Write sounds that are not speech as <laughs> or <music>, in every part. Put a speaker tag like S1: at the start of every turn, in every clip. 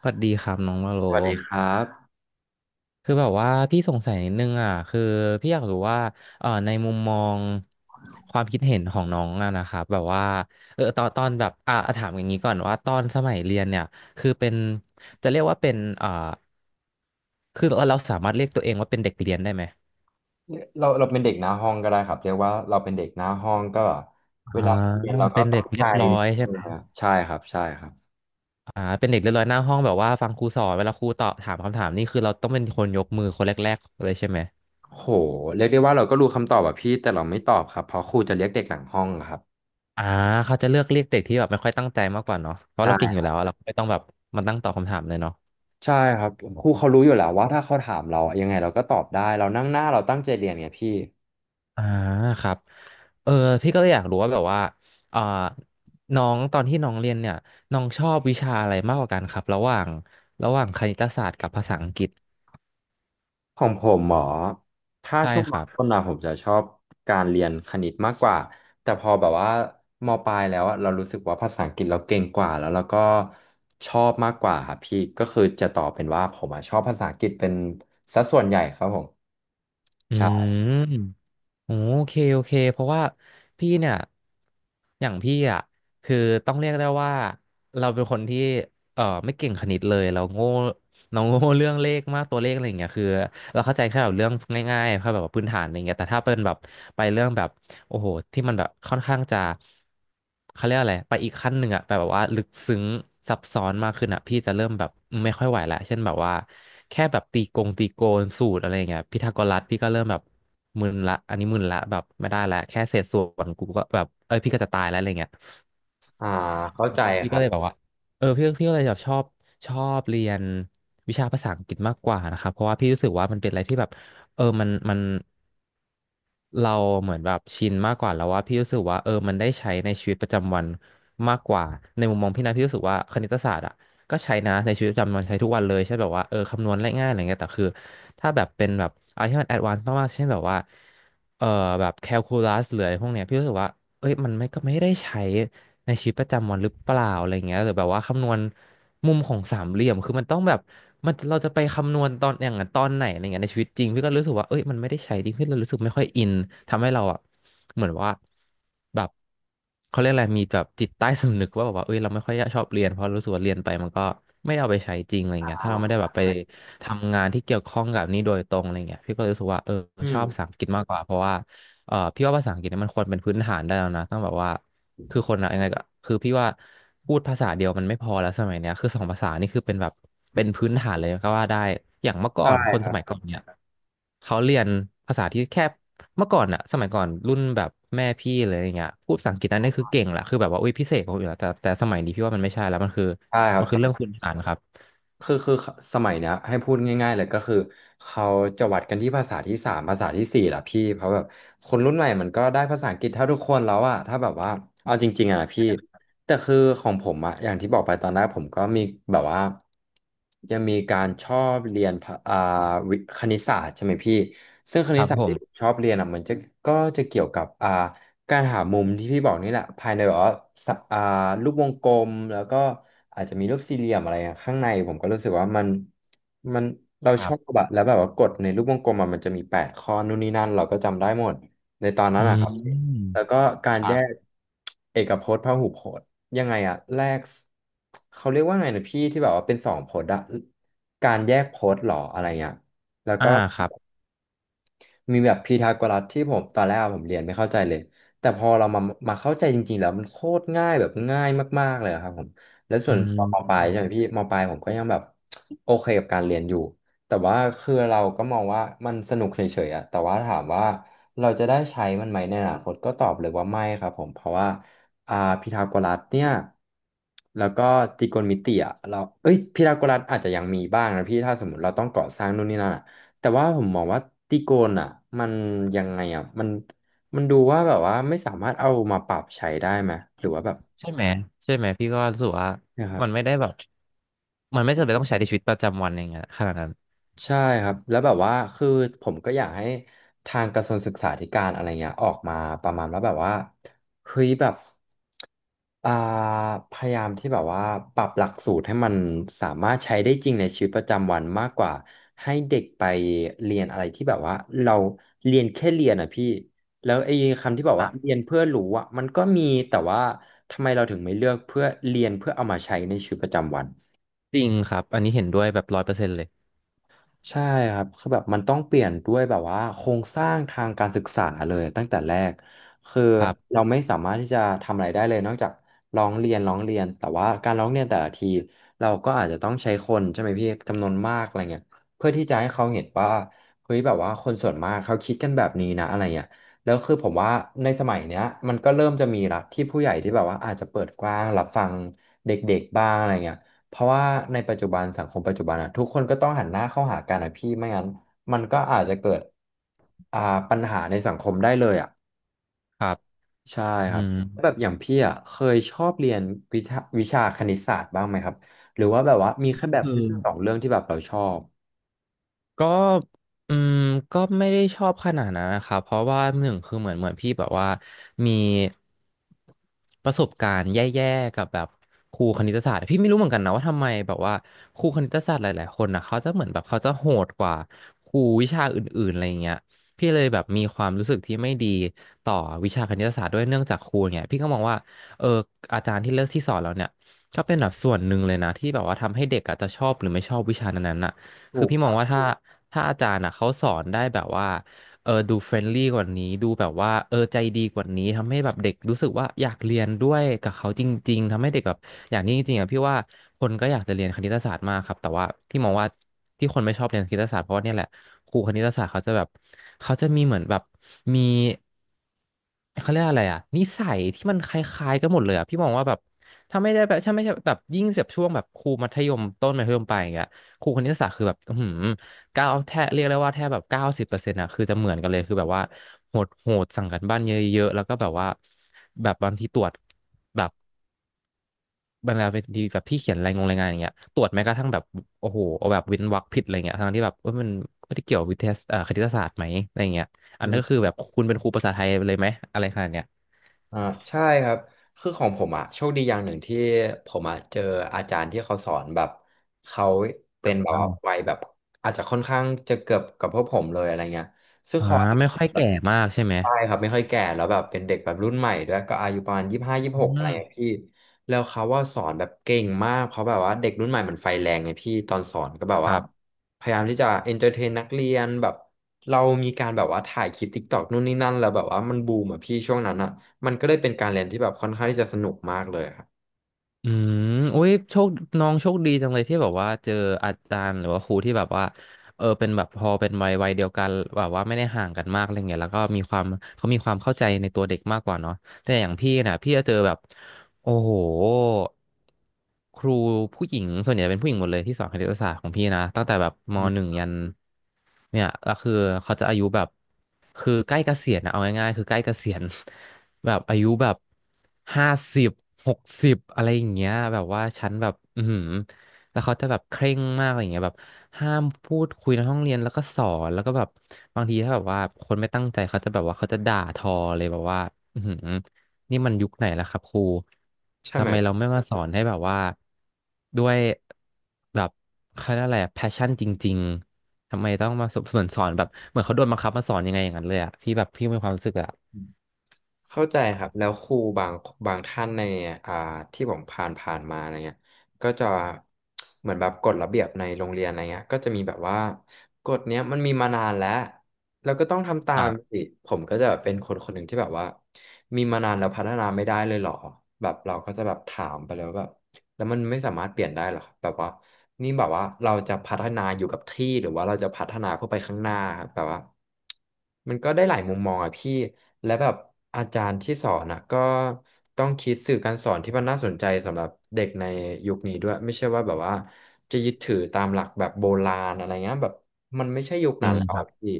S1: สวัสดีครับน้องวาโล
S2: สวัสดีครับ
S1: คือแบบว่าพี่สงสัยนิดนึงอ่ะคือพี่อยากรู้ว่าในมุมมองความคิดเห็นของน้องอะนะครับแบบว่าตอนแบบอ่ะถามอย่างนี้ก่อนว่าตอนสมัยเรียนเนี่ยคือเป็นจะเรียกว่าเป็นคือเราสามารถเรียกตัวเองว่าเป็นเด็กเรียนได้ไหม
S2: เราเป็นเด็กหน้าห้องก็ได้ครับเรียกว่าเราเป็นเด็กหน้าห้องก็แบบเว
S1: อ่า
S2: ลาเรียนเราก็
S1: เป็นเด็
S2: ตั้
S1: ก
S2: ง
S1: เรี
S2: ใจ
S1: ยบร้อยใช่
S2: เอ
S1: ไหม
S2: อใช่ครับใช่ครับ
S1: อ่าเป็นเด็กเรียบร้อยหน้าห้องแบบว่าฟังครูสอนเวลาครูตอบถามคำถามนี่คือเราต้องเป็นคนยกมือคนแรกๆเลยใช่ไหม
S2: โหเรียกได้ว่าเราก็รู้คำตอบแบบพี่แต่เราไม่ตอบครับเพราะครูจะเรียกเด็กหลังห้องอะครับ
S1: อ่าเขาจะเลือกเรียกเด็กที่แบบไม่ค่อยตั้งใจมากกว่าเนาะเพราะเราเก่ง
S2: ใช่
S1: อยู่แล้วอะเราไม่ต้องแบบมาตั้งตอบคำถามเลยเนาะ
S2: ใช่ครับครูเขารู้อยู่แล้วว่าถ้าเขาถามเรายังไงเราก็ตอบได้เรานั่งหน้าเราตั้งใจเรียนไงพี่
S1: อ่าครับเออพี่ก็เลยอยากรู้ว่าแบบว่าเอ่อน้องตอนที่น้องเรียนเนี่ยน้องชอบวิชาอะไรมากกว่ากันครับระหว่างระหว่างคณิตศาสตร์กับภาษาอังกฤษ
S2: ของผมหมอถ้า
S1: ใช่
S2: ช่วง
S1: ค
S2: ม
S1: รับ
S2: ต้นนะผมจะชอบการเรียนคณิตมากกว่าแต่พอแบบว่ามปลายแล้วอะเรารู้สึกว่าภาษาอังกฤษเราเก่งกว่าแล้วเราก็ชอบมากกว่าครับพี่ก็คือจะตอบเป็นว่าผมอะชอบภาษาอังกฤษเป็นสัดส่วนใหญ่ครับผม
S1: อื
S2: ใช่
S1: ม โอเคโอเคเพราะว่าพี่เนี่ยอย่างพี่อ่ะคือต้องเรียกได้ว่าเราเป็นคนที่ไม่เก่งคณิตเลยเราโง่เราโง่เรื่องเลขมากตัวเลขอะไรอย่างเงี้ยคือเราเข้าใจแค่แบบเรื่องง่ายๆแค่แบบว่าพื้นฐานอะไรเงี้ยแต่ถ้าเป็นแบบไปเรื่องแบบ โอ้โหที่มันแบบค่อนข้างจะเขาเรียกอะไรไปอีกขั้นหนึ่งอะไปแบบว่าลึกซึ้งซับซ้อนมากขึ้นอะพี่จะเริ่มแบบไม่ค่อยไหวละเช่นแบบว่าแค่แบบตีกงตีโกนสูตรอะไรอย่างเงี้ยพีทาโกรัสพี่ก็เริ่มแบบมึนละอันนี้มึนละแบบไม่ได้ละแค่เศษส่วนกูก็แบบเอ้ยพี่ก็จะตายแล้วอะไรเงี้ย
S2: อ่าเข้า
S1: เออ
S2: ใจ
S1: พี่
S2: ค
S1: ก็
S2: รับ
S1: เลยแบบว่าพี่ก็เลยแบบชอบชอบเรียนวิชาภาษาอังกฤษมากกว่านะครับเพราะว่าพี่รู้สึกว่ามันเป็นอะไรที่แบบมัน เราเหมือนแบบชินมากกว่าแล้วว่าพี่รู้สึกว่ามันได้ใช้ในชีวิตประจำวันมากกว่าในมุมมองพี่นะพี่รู้สึกว่าคณิตศาสตร์อ่ะก็ใช้นะในชีวิตประจำวันใช้ทุกวันเลยใช่แบบว่าคำนวณง่ายๆอะไรเงี้ยแต่คือถ้าแบบเป็นแบบอะไรที่มันแอดวานซ์มากๆเช่นแบบว่าเออแบบแคลคูลัสหรืออะไรพวกเนี้ยพี่รู้สึกว่าเอ้ยมันไม่ก็ไม่ได้ใช้ ในชีวิตประจำวันหรือเปล่าอะไรเงี้ยหรือแบบว่าคำนวณมุมของสามเหลี่ยมคือมันต้องแบบมันเราจะไปคำนวณตอนอย่างนั้นตอนไหนอะไรเงี้ยในชีวิตจริงพี่ก็รู้สึกว่าเอ้ยมันไม่ได้ใช้ดิพี่เรารู้สึกไม่ค่อยอินทำให้เราอ่ะเหมือนว่าแบบเขาเรียกอะไรมีแบบจิตใต้สำนึกว่าแบบว่าเอ้ยเราไม่ค่อยชอบเรียนเพราะรู้สึกว่าเรียนไปมันก็ไม่ได้เอาไปใช้จริงอะไรเงี้ยถ้า
S2: อ่า
S1: เราไม่ได้แบบไปทำงานที่เกี่ยวข้องกับนี้โดยตรงอะไรเงี้ยพี่ก็เลยรู้สึกว่า
S2: อื
S1: ชอบภาษา
S2: ม
S1: อังกฤษมากกว่าเพราะว่า พี่ว่าภาษาอังกฤษเนี่ยมันควรเป็นพื้นฐานได้แล้วนะต้องแบบว่าคือคนอะยังไงก็คือพี่ว่าพูดภาษาเดียวมันไม่พอแล้วสมัยเนี้ยคือสองภาษานี่คือเป็นแบบเป็นพื้นฐานเลยก็ว่าได้อย่างเมื่อก่อ
S2: ใช่
S1: นคน
S2: ค
S1: ส
S2: รั
S1: มัย
S2: บ
S1: ก่อนเนี่ยเขาเรียนภาษาที่แค่เมื่อก่อนอะสมัยก่อนรุ่นแบบแม่พี่เลยอย่างเงี้ยพูดภาษาอังกฤษนั่นนี่คือเก่งแหละคือแบบว่าอุ้ยพิเศษกว่าคนอื่นละแต่สมัยนี้พี่ว่ามันไม่ใช่แล้วมันคือ
S2: ใช่ครั
S1: มันคือเรื่อง
S2: บ
S1: พื้นฐานครับ
S2: คือคือสมัยเนี้ยให้พูดง่ายๆเลยก็คือเขาจะวัดกันที่ภาษาที่สามภาษาที่สี่ล่ะพี่เพราะแบบคนรุ่นใหม่มันก็ได้ภาษาอังกฤษเท่าทุกคนแล้วอะถ้าแบบว่าเอาจริงๆอะนะพี่แต่คือของผมอะอย่างที่บอกไปตอนแรกผมก็มีแบบว่ายังมีการชอบเรียนภาวิคณิตศาสตร์ใช่ไหมพี่ซึ่งค
S1: ค
S2: ณิต
S1: รับ
S2: ศาสต
S1: ผ
S2: ร์ที่ผม
S1: ม
S2: ชอบเรียนอะมันจะก็จะเกี่ยวกับการหามุมที่พี่บอกนี่แหละภายในแบบว่าสะรูปวงกลมแล้วก็อาจจะมีรูปสี่เหลี่ยมอะไรอะข้างในผมก็รู้สึกว่ามันเรา
S1: ค
S2: ช
S1: รั
S2: อบ
S1: บ
S2: แบบแล้วแบบว่ากดในรูปวงกลมอะมันจะมีแปดข้อนู่นนี่นั่นเราก็จำได้หมดในตอนนั้
S1: อื
S2: นนะค
S1: ม
S2: รับแล้วก็กา
S1: ค
S2: ร
S1: รั
S2: แย
S1: บ
S2: กเอกพจน์พหุพจน์ยังไงอะแรกเขาเรียกว่าไงนะพี่ที่แบบว่าเป็นสองพจน์อะการแยกพจน์หรออะไรเงี้ยแล้ว
S1: อ่า
S2: ก็
S1: ครับ
S2: มีแบบพีทาโกรัสที่ผมตอนแรกอะผมเรียนไม่เข้าใจเลยแต่พอเรามาเข้าใจจริงๆแล้วมันโคตรง่ายแบบง่ายมากๆเลยอะครับผมแล้วส่
S1: อื
S2: วนตอนมป
S1: ม
S2: ลายใช่ไหมพี่มปลายผมก็ยังแบบโอเคกับการเรียนอยู่แต่ว่าคือเราก็มองว่ามันสนุกเฉยๆอะแต่ว่าถามว่าเราจะได้ใช้มันไหมในอนาคตก็ตอบเลยว่าไม่ครับผมเพราะว่าอ่าพีทาโกรัสเนี่ยแล้วก็ตรีโกณมิติอ่ะเราเอ้ยพีทาโกรัสอาจจะยังมีบ้างนะพี่ถ้าสมมติเราต้องก่อสร้างนู่นนี่นั่นอะ แต่ว่าผมมองว่าตีโกนอ่ะมันยังไงอ่ะมันมันดูว่าแบบว่าไม่สามารถเอามาปรับใช้ได้ไหมหรือว่าแบบ
S1: ใช่ไหมใช่ไหมพี่ก็รู้สึกว่า
S2: นะครับ
S1: มันไม่ได้แบบมันไม่จำเป็นต้องใช้ในชีวิตประจำวันอย่างเงี้ยขนาดนั้น
S2: ใช่ครับแล้วแบบว่าคือผมก็อยากให้ทางกระทรวงศึกษาธิการอะไรเงี้ยออกมาประมาณว่าแบบว่าเฮ้ยแบบอ่าพยายามที่แบบว่าปรับหลักสูตรให้มันสามารถใช้ได้จริงในชีวิตประจำวันมากกว่าให้เด็กไปเรียนอะไรที่แบบว่าเราเรียนแค่เรียนอ่ะพี่แล้วไอ้คำที่บอก
S1: ค
S2: ว่า
S1: รับ
S2: เรียนเพื่อรู้อ่ะมันก็มีแต่ว่าทำไมเราถึงไม่เลือกเพื่อเรียนเพื่อเอามาใช้ในชีวิตประจำวัน
S1: จริงครับอันนี้เห็นด้วยแบบ100%เลย
S2: ใช่ครับคือแบบมันต้องเปลี่ยนด้วยแบบว่าโครงสร้างทางการศึกษาเลยตั้งแต่แรกคือ
S1: ครับ
S2: เราไม่สามารถที่จะทำอะไรได้เลยนอกจากร้องเรียนร้องเรียนแต่ว่าการร้องเรียนแต่ละทีเราก็อาจจะต้องใช้คนใช่ไหมพี่จำนวนมากอะไรเงี้ยเพื่อที่จะให้เขาเห็นว่าเฮ้ยแบบว่าคนส่วนมากเขาคิดกันแบบนี้นะอะไรเงี้ยแล้วคือผมว่าในสมัยเนี้ยมันก็เริ่มจะมีละที่ผู้ใหญ่ที่แบบว่าอาจจะเปิดกว้างรับฟังเด็กๆบ้างอะไรเงี้ย เพราะว่าในปัจจุบันสังคมปัจจุบันอะทุกคนก็ต้องหันหน้าเข้าหากันอะพี่ไม่งั้นมันก็อาจจะเกิดอ่าปัญหาในสังคมได้เลยอะ
S1: ครับ
S2: ใช่
S1: อื
S2: ครับ
S1: ม
S2: แล้วแบบอย่างพี่อะเคยชอบเรียนวิทะวิชาคณิตศาสตร์บ้างไหมครับหรือว่าแบบว่ามีแค่แบบ
S1: อือ
S2: เรื่องสองเรื่องที่แบบเราชอบ
S1: ก็อืมก็ไม่ได้ชอบขนาดนั้นนะครับเพราะว่าหนึ่งคือเหมือนพี่แบบว่ามีประสบการณ์แย่ๆกับแบบครูคณิตศาสตร์พี่ไม่รู้เหมือนกันนะว่าทำไมแบบว่าครูคณิตศาสตร์หลายๆคนนะเขาจะเหมือนแบบเขาจะโหดกว่าครูวิชาอื่นๆอะไรเงี้ยพี่เลยแบบมีความรู้สึกที่ไม่ดีต่อวิชาคณิตศาสตร์ด้วยเนื่องจากครูเนี่ยพี่ก็มองว่าเอออาจารย์ที่เลือกที่สอนเราเนี่ยก็เป็นแบบส่วนหนึ่งเลยนะที่แบบว่าทำให้เด็กอาจจะชอบหรือไม่ชอบวิชานั้นๆน่ะ คื
S2: ถู
S1: อ
S2: ก
S1: พี่
S2: ค
S1: มอง
S2: รับ
S1: ว่าถ้าอาจารย์อ่ะเขาสอนได้แบบว่าเออดูเฟรนลี่กว่านี้ดูแบบว่าเออใจดีกว่านี้ทำให้แบบเด็กรู้สึกว่าอยากเรียนด้วยกับเขาจริงๆทำให้เด็กแบบอย่างนี้จริงๆอ่ะพี่ว่าคนก็อยากจะเรียนคณิตศาสตร์มากครับแต่ว่าพี่มองว่าที่คนไม่ชอบเรียนคณิตศาสตร์เพราะว่าเนี่ยแหละครูคณิตศาสตร์เขาจะแบบเขาจะมีเหมือนแบบมีเขาเรียกอะไรอ่ะนิสัยที่มันคล้ายๆกันหมดเลยอ่ะพี่มองว่าแบบถ้าไม่ได้แบบถ้าไม่ใช่แบบยิ่งแบบช่วงแบบครูมัธยมต้นมัธยมปลายอย่างเงี้ย ครูคณิตศาสตร์คือแบบอือหือเก้าแทบเรียกได้ว่าแทบแบบ90%อะคือจะเหมือนกันเลยคือแบบว่าโหดสั่งกันบ้านเยอะๆแล้วก็แบบว่าแบบบางทีตรวจแบบบางเวลาทีแบบพี่เขียนรายงงรายงานอย่างเงี้ยตรวจแม้กระทั่งแบบโอ้โหเอาแบบเว้นวรรคผิดอะไรเงี้ยทั้งที่แบบเอ้ยมันไม่ได้เกี่ยววิทยาคณิตศาสตร์ไหมอะไรเงี้ยอั
S2: อื
S1: นนั้นก็คือ
S2: ม
S1: แบบคุณเป็นครูภาษาไทยเลยไหมอะไรขนาดเนี้ย
S2: อ่าใช่ครับคือของผมอ่ะโชคดีอย่างหนึ่งที่ผมอ่ะเจออาจารย์ที่เขาสอนแบบเขาเป็นแบบว่า
S1: อ่า
S2: วัยแบบอาจจะค่อนข้างจะเกือบกับพวกผมเลยอะไรเงี้ยซึ่ง
S1: อ่า
S2: เขา
S1: ไม่ค่อยแก่มากใช่ไหม
S2: ใช่ครับไม่ค่อยแก่แล้วแบบเป็นเด็กแบบรุ่นใหม่ด้วยก็อายุประมาณ25ยี่สิบ
S1: อื
S2: หกอะไรอย่างเงี้ย
S1: ม
S2: พี่แล้วเขาว่าสอนแบบเก่งมากเพราะแบบว่าเด็กรุ่นใหม่มันไฟแรงไงพี่ตอนสอนก็แบบ
S1: ค
S2: ว่า
S1: รับ
S2: พยายามที่จะเอนเตอร์เทนนักเรียนแบบเรามีการแบบว่าถ่ายคลิปติ๊กตอกนู่นนี่นั่นแล้วแบบว่ามันบูมอ่ะพี่ช่วงนั้นอ่ะมันก็เลยเป็นการเรียนที่แบบค่อนข้างที่จะสนุกมากเลยครับ
S1: อืมอุ้ยโชคน้องโชคดีจังเลยที่แบบว่าเจออาจารย์หรือว่าครูที่แบบว่าเออเป็นแบบพอเป็นวัยเดียวกันแบบว่าไม่ได้ห่างกันมากอะไรเงี้ยแล้วก็มีความเขามีความเข้าใจในตัวเด็กมากกว่าเนาะ แต่อย่างพี่นะพี่จะเจอแบบโอ้โหครูผู้หญิงส่วนใหญ่เป็นผู้หญิงหมดเลยที่สอนคณิตศาสตร์ของพี่นะตั้งแต่แบบม
S2: อื
S1: หนึ่
S2: ม
S1: งยันเนี่ยก็คือเขาจะอายุแบบคือใกล้เกษียณนะเอาง่ายๆคือใกล้เกษียณ <laughs> แบบอายุแบบ50สิบ60อะไรอย่างเงี้ยแบบว่าฉันแบบอือหือแล้วเขาจะแบบเคร่งมากอะไรอย่างเงี้ยแบบห้ามพูดคุยในห้องเรียนแล้วก็สอนแล้วก็แบบบางทีถ้าแบบว่าคนไม่ตั้งใจเขาจะแบบว่าเขาจะด่าทอเลยแบบว่าอือหือ นี่มันยุคไหนแล้วครับครู
S2: ใช่ไห
S1: ทำ
S2: ม
S1: ไมเราไม่มาสอนให้แบบว่าด้วยแบบเขาเรียกอะไรแพชชั่นจริงๆ ทำไมต้องมาสอนแบบเหมือนเขาโดนบังคับมาสอนยังไงอย่างนั้นเลยอะพี่แบบพี่มีความรู้สึกอะ
S2: เข้าใจครับแล้วครูบางท่านในอ่าที่ผมผ่านมาอะไรเงี้ยก็จะเหมือนแบบกฎระเบียบในโรงเรียนอะไรเงี้ยก็จะมีแบบว่ากฎเนี้ยมันมีมานานแล้วเราก็ต้องทำตา
S1: ครั
S2: ม
S1: บ
S2: สิผมก็จะเป็นคนคนหนึ่งที่แบบว่ามีมานานแล้วพัฒนาไม่ได้เลยเหรอแบบเราก็จะแบบถามไปแล้วแบบ แล้วมันไม่สามารถเปลี่ยนได้หรอกแบบว่านี่แบบว่าเราจะพัฒนาอยู่กับที่หรือว่าเราจะพัฒนาเพื่อไปข้างหน้าครับแบบว่ามันก็ได้หลายมุมมองอะพี่และแบบอาจารย์ที่สอนอะก็ต้องคิดสื่อการสอนที่มันน่าสนใจสำหรับเด็กในยุคนี้ด้วยไม่ใช่ว่าแบบว่าจะยึดถือตามหลักแบบโบราณอะไรเงี้ยแบบมันไม่ใช่ยุค
S1: จริ
S2: นั้น
S1: ง
S2: แล้ว
S1: ครั
S2: อะ
S1: บ
S2: พี่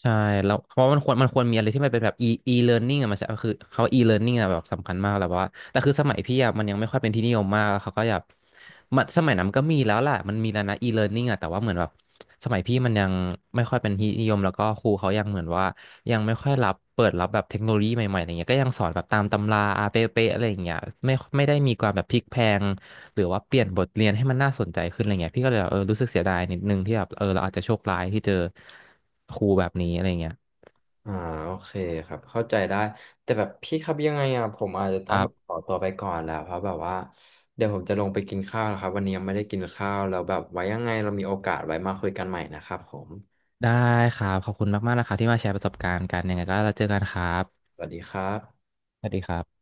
S1: ใช่แล้วเพราะมันควรมีอะไรที่มันเป็นแบบ e learning อะมันจะคือเขา e learning อะแบบสำคัญมากแล้วว่าแต่คือสมัยพี่อะมันยังไม่ค่อยเป็นที่นิยมมากแล้วเขาก็อยากมันสมัยนั้นก็มีแล้วแหละมันมีแล้วนะ e learning อะแต่ว่าเหมือนแบบสมัยพี่มันยังไม่ค่อยเป็นที่นิยมแล้วก็ครูเขายังเหมือนว่ายังไม่ค่อยรับเปิดรับแบบเทคโนโลยีใหม่ๆอะไรเงี้ยก็ยังสอนแบบตามตำราอาเป๊ะๆอะไรอย่างเงี้ยไม่ได้มีความแบบพลิกแพลง หรือว่าเปลี่ยนบทเรียนให้มันน่าสนใจขึ้นอะไรเงี้ยพี่ก็เลยแบบเออรู้สึกเสียดายนิดนึงที่แบบเออเราอาจจะโชคร้ายที่เจอครูแบบนี้อะไรเงี้ย
S2: อ่าโอเคครับเข้าใจได้แต่แบบพี่ครับยังไงอ่ะผมอาจจะ
S1: ค
S2: ต้อง
S1: รั
S2: แบบข
S1: บ
S2: อตัวไปก่อนแล้วเพราะแบบว่าเดี๋ยวผมจะลงไปกินข้าวแล้วครับวันนี้ยังไม่ได้กินข้าวแล้วแบบไว้ยังไงเรามีโอกาสไว้มาคุยกันใหม่นะครับผม
S1: ได้ครับขอบคุณมากๆนะคะที่มาแชร์ประสบการณ์กันยังไงก็เราเจอกันครับ
S2: สวัสดีครับ
S1: สวัสดีครับ